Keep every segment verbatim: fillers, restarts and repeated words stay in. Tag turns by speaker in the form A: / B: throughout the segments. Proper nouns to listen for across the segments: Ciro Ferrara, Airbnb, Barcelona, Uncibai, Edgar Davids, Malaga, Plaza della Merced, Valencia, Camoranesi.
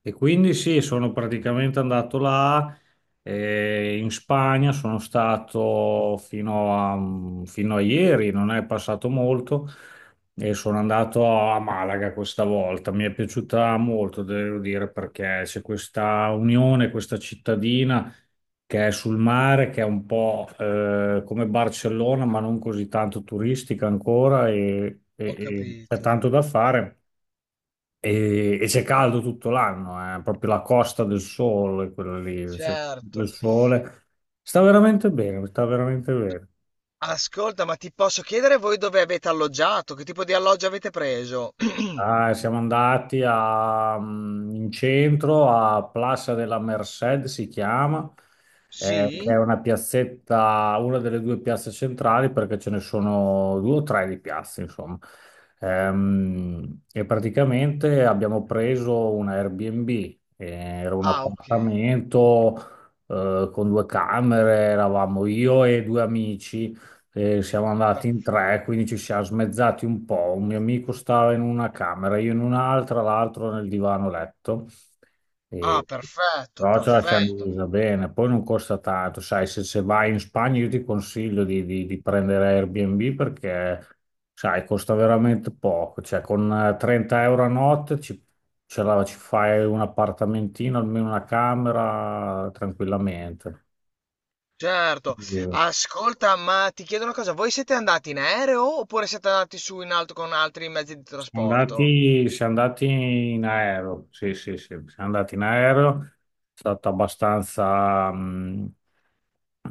A: E quindi sì, sono praticamente andato là, eh, in Spagna, sono stato fino a, fino a ieri, non è passato molto, e sono andato a Malaga questa volta. Mi è piaciuta molto, devo dire, perché c'è questa unione, questa cittadina che è sul mare, che è un po' eh, come Barcellona, ma non così tanto turistica ancora e e-
B: Ho
A: e c'è
B: capito.
A: tanto da fare. E, e c'è caldo tutto l'anno, eh, proprio la costa del sole, quella lì, cioè, il
B: Certo.
A: sole. Sta veramente bene, sta veramente bene.
B: Ascolta, ma ti posso chiedere voi dove avete alloggiato? Che tipo di alloggio avete preso?
A: Ah, siamo andati a, mm, in centro a Plaza della Merced, si chiama, eh, che è
B: Sì?
A: una piazzetta, una delle due piazze centrali, perché ce ne sono due o tre di piazze, insomma. Ehm, e praticamente abbiamo preso un Airbnb, eh, era un
B: Ah, ok.
A: appartamento, eh, con due camere, eravamo io e due amici. E siamo andati in
B: Perfetto.
A: tre, quindi ci siamo smezzati un po'. Un mio amico stava in una camera, io in un'altra, l'altro nel divano letto.
B: Ah,
A: E...
B: perfetto,
A: Però ce la siamo
B: perfetto.
A: divisa bene. Poi non costa tanto, sai, se, se vai in Spagna io ti consiglio di, di- di prendere Airbnb perché, sai, costa veramente poco. Cioè, con eh, trenta euro a notte ci, ce la- ci fai un appartamentino, almeno una camera, tranquillamente.
B: Certo. Ascolta, ma ti chiedo una cosa, voi siete andati in aereo oppure siete andati su in alto con altri mezzi di
A: Siamo
B: trasporto?
A: andati, siamo andati in aereo, sì, sì, sì, siamo andati in aereo, è stato abbastanza, mh,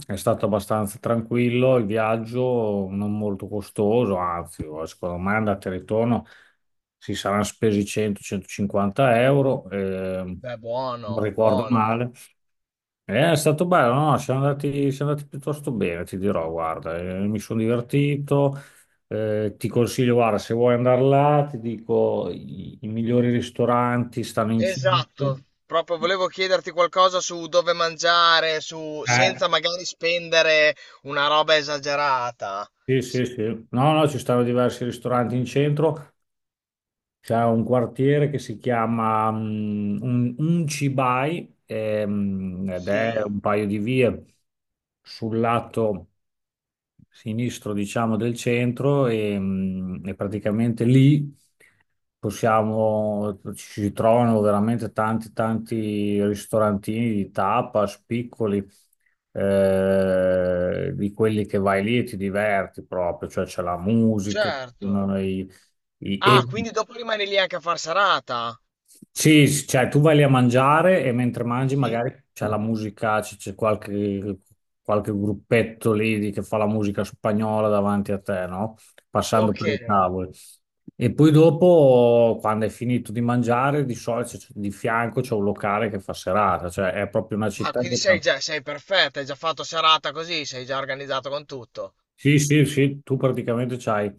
A: è stato abbastanza tranquillo il viaggio, non molto costoso, anzi, secondo me andata e ritorno si saranno spesi cento centocinquanta euro, eh,
B: Beh,
A: non
B: buono,
A: ricordo
B: buono.
A: male. Eh, È stato bello, no? Siamo andati, siamo andati piuttosto bene, ti dirò, guarda, eh, mi sono divertito, eh, ti consiglio, guarda, se vuoi andare là, ti dico, i, i migliori ristoranti stanno in centro.
B: Esatto, proprio volevo chiederti qualcosa su dove mangiare, su
A: Eh,
B: senza magari spendere una roba esagerata.
A: sì,
B: S-
A: sì, sì. No, no, ci stanno diversi ristoranti in centro. C'è un quartiere che si chiama mm, Un- Uncibai, ehm, ed è
B: sì,
A: un paio di vie sul lato sinistro, diciamo, del centro e, mm, e praticamente lì possiamo, ci si trovano veramente tanti, tanti ristorantini di tapas piccoli, eh, di quelli che vai lì e ti diverti proprio, cioè c'è la musica,
B: certo.
A: uno dei- i-
B: Ah, quindi dopo rimani lì anche a far serata?
A: Sì, s- cioè tu vai lì a mangiare e mentre mangi
B: Sì.
A: magari c'è la Mm. musica, c- c'è qualche, qualche gruppetto lì di- che fa la musica spagnola davanti a te, no? Passando
B: Ok.
A: per i tavoli. E poi dopo, quando hai finito di mangiare, di solito c- di fianco c'è un locale che fa serata, cioè è proprio una
B: Ah,
A: città
B: quindi
A: che...
B: sei
A: fa-
B: già, sei perfetta, hai già fatto serata così, sei già organizzato con tutto.
A: Sì, sì, sì, tu praticamente c'hai.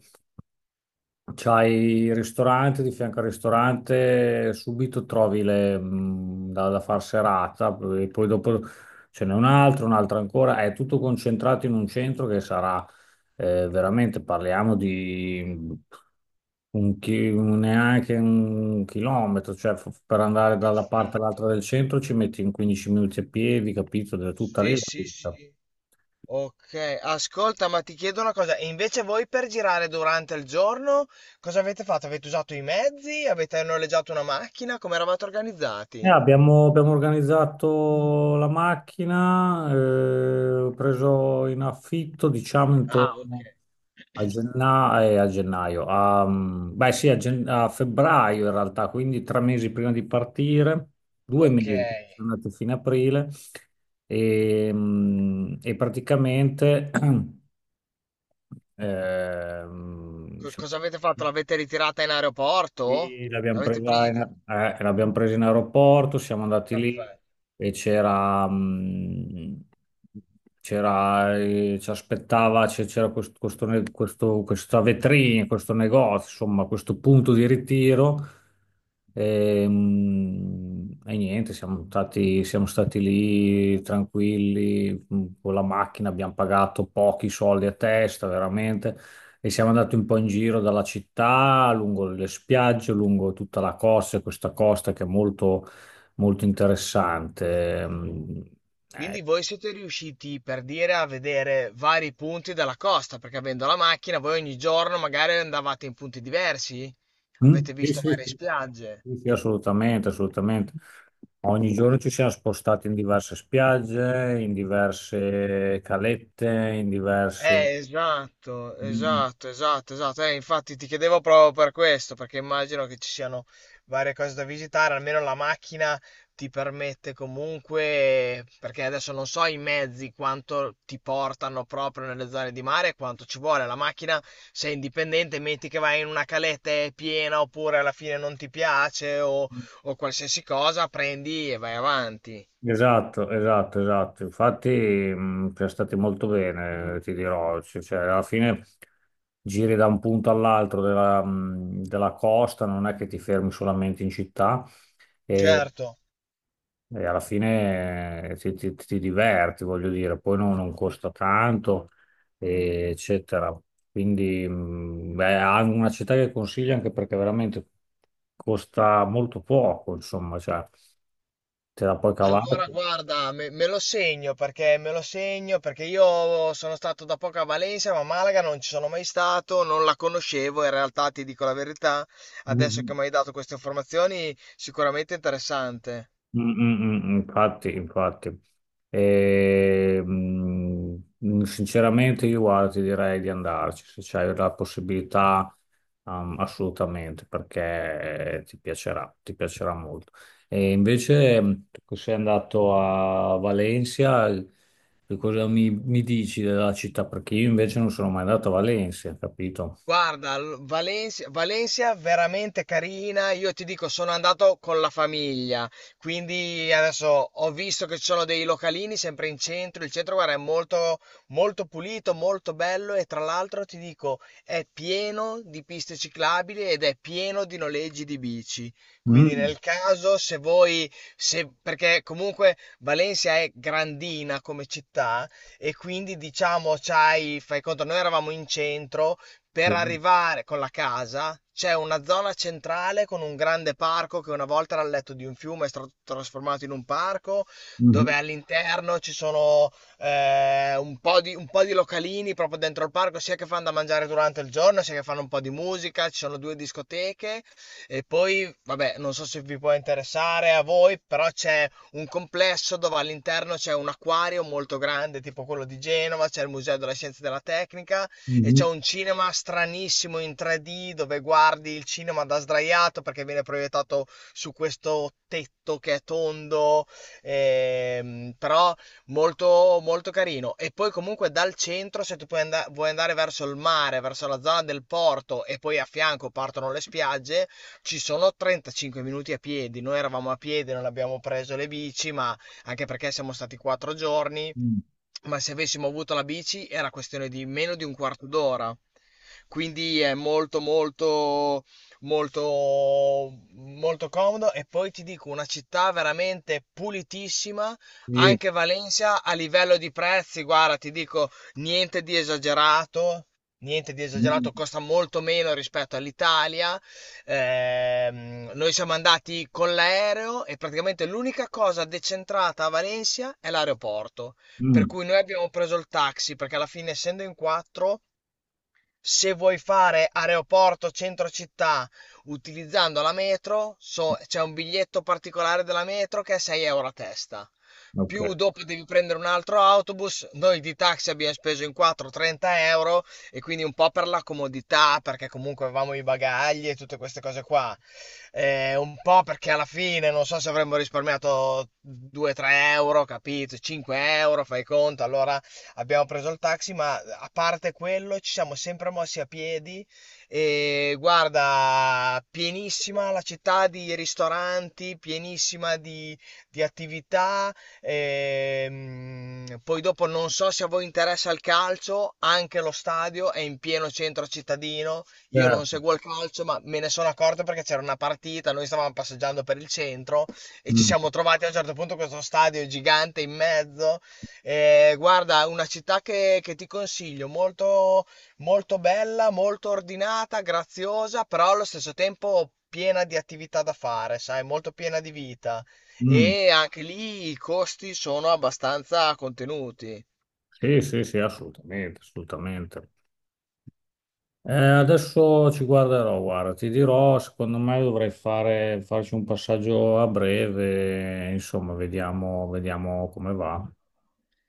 A: C'hai il ristorante, di fianco al ristorante subito trovi le, mh, da, da far serata, e poi dopo ce n'è un altro, un altro ancora, è tutto concentrato in un centro che sarà eh, veramente, parliamo di un chi- un- neanche un chilometro, cioè f- per andare dalla parte all'altra
B: Perfetto.
A: del centro ci metti in quindici minuti a piedi, capito? Da tutta lì
B: Sì,
A: la
B: sì,
A: vita.
B: sì. Ok, ascolta, ma ti chiedo una cosa, e invece voi per girare durante il giorno cosa avete fatto? Avete usato i mezzi? Avete noleggiato una macchina? Come eravate
A: Eh,
B: organizzati?
A: abbiamo, abbiamo organizzato la macchina, eh, ho preso in affitto, diciamo,
B: Ah, ok.
A: intorno a genna- eh, a gennaio, a, mm, beh sì, a, gen- a febbraio in realtà, quindi tre mesi prima di partire, due
B: Ok,
A: mesi, sono andato fino a aprile e, mm, e praticamente ehm,
B: Co- cosa avete fatto? L'avete ritirata in aeroporto?
A: qui l'abbiamo
B: L'avete
A: presa
B: presa
A: in,
B: di...
A: eh, l'abbiamo presa in aeroporto, siamo andati lì
B: Perfetto.
A: e c'era, mh, c'era, eh, ci aspettava, c'è- c'era questo, questo ne- questo- questa vetrina, questo negozio, insomma, questo punto di ritiro. E, mh, e niente, siamo stati, siamo stati lì tranquilli, mh, con la macchina, abbiamo pagato pochi soldi a testa, veramente. E siamo andati un po' in giro dalla città, lungo le spiagge, lungo tutta la costa, e questa costa che è molto, molto interessante. Mm, eh,
B: Quindi voi siete riusciti per dire a vedere vari punti della costa, perché avendo la macchina voi ogni giorno magari andavate in punti diversi?
A: Mm?
B: Avete
A: Sì,
B: visto
A: sì,
B: varie
A: sì,
B: spiagge?
A: sì, sì, assolutamente, assolutamente. Ogni giorno ci siamo spostati in diverse spiagge, in diverse calette, in diverse...
B: Eh, esatto, esatto, esatto, esatto. Eh, infatti ti chiedevo proprio per questo, perché immagino che ci siano varie cose da visitare, almeno la macchina ti permette comunque, perché adesso non so i mezzi quanto ti portano proprio nelle zone di mare, quanto ci vuole. La macchina, sei indipendente, metti che vai in una caletta e è piena oppure alla fine non ti piace o, o qualsiasi cosa, prendi e vai avanti.
A: Esatto, esatto, esatto. Infatti, mh, è stato molto bene, ti dirò. Cioè, cioè, alla fine giri da un punto all'altro della, mh, della costa, non è che ti fermi solamente in città e,
B: Certo.
A: e alla fine eh, ti, ti- ti diverti, voglio dire. Poi non, non costa tanto, e- eccetera. Quindi, mh, beh, è una città che consiglio anche perché veramente costa molto poco, insomma, cioè, te la puoi cavare.
B: Allora, guarda, me, me lo segno perché me lo segno perché io sono stato da poco a Valencia, ma a Malaga non ci sono mai stato, non la conoscevo. In realtà, ti dico la verità, adesso
A: Mm-hmm.
B: che mi hai dato queste informazioni, sicuramente interessante.
A: Mm, mm, mm, mm, Infatti, infatti. E, mm, Sinceramente io guarda, ti direi di andarci se c'hai la possibilità, um, assolutamente, perché eh, ti piacerà, ti piacerà molto. E invece, mm, tu che sei andato a Valencia, che cosa mi, mi dici della città? Perché io invece non sono mai andato a Valencia, capito?
B: Guarda, l- Valencia, Valencia veramente carina. Io ti dico, sono andato con la famiglia, quindi adesso ho visto che ci sono dei localini sempre in centro. Il centro, guarda, è molto, molto pulito, molto bello e tra l'altro ti dico, è pieno di piste ciclabili ed è pieno di noleggi di bici. Quindi
A: Mm.
B: nel caso, se voi, se, perché comunque Valencia è grandina come città e quindi diciamo, c'hai, fai conto, noi eravamo in centro. Per
A: Sì.
B: arrivare con la casa c'è una zona centrale con un grande parco che una volta era il letto di un fiume, è stato trasformato in un parco,
A: Mhm,
B: dove all'interno ci sono eh, un po' di, un po' di localini proprio dentro il parco, sia che fanno da mangiare durante il giorno, sia che fanno un po' di musica, ci sono due discoteche e poi, vabbè, non so se vi può interessare a voi, però c'è un complesso dove all'interno c'è un acquario molto grande, tipo quello di Genova, c'è il Museo della Scienza e della Tecnica e c'è
A: mhm,
B: un cinema stranissimo in tre D dove guardi il cinema da sdraiato perché viene proiettato su questo tetto che è tondo, ehm, però molto, molto carino. E poi comunque dal centro, se tu puoi anda- vuoi andare verso il mare, verso la zona del porto e poi a fianco partono le spiagge, ci sono trentacinque minuti a piedi. Noi eravamo a piedi, non abbiamo preso le bici, ma anche perché siamo stati quattro giorni,
A: mm.
B: ma se avessimo avuto la bici era questione di meno di un quarto d'ora. Quindi è molto molto molto molto comodo e poi ti dico una città veramente pulitissima,
A: Sì.
B: anche Valencia a livello di prezzi, guarda, ti dico niente di esagerato. Niente di
A: Mm,
B: esagerato, costa molto meno rispetto all'Italia. Ehm, noi siamo andati con l'aereo e praticamente l'unica cosa decentrata a Valencia è l'aeroporto. Per
A: mm.
B: cui noi abbiamo preso il taxi, perché alla fine essendo in quattro, se vuoi fare aeroporto centro città utilizzando la metro, so- c'è un biglietto particolare della metro che è sei euro a testa.
A: Ok,
B: Più dopo devi prendere un altro autobus. Noi di taxi abbiamo speso in quattro trenta euro e quindi un po' per la comodità, perché comunque avevamo i bagagli e tutte queste cose qua. Eh, un po' perché alla fine non so se avremmo risparmiato due-tre euro, capito? cinque euro, fai conto. Allora abbiamo preso il taxi, ma a parte quello ci siamo sempre mossi a piedi e guarda, pienissima la città di ristoranti, pienissima di, di attività. Ehm, poi dopo non so se a voi interessa il calcio, anche lo stadio è in pieno centro cittadino. Io non
A: certo.
B: seguo il calcio, ma me ne sono accorto perché c'era una partita, noi stavamo passeggiando per il centro e ci siamo trovati a un certo punto questo stadio gigante in mezzo. Eh, guarda, una città che, che ti consiglio, molto, molto bella, molto ordinata, graziosa, però allo stesso tempo piena di attività da fare, sai, molto piena di vita.
A: Mm,
B: E anche lì i costi sono abbastanza contenuti.
A: sì, sì, sì, assolutamente, assolutamente. Eh, adesso ci guarderò, guarda, ti dirò, secondo me dovrei fare, farci un passaggio a breve, insomma, vediamo, vediamo come va.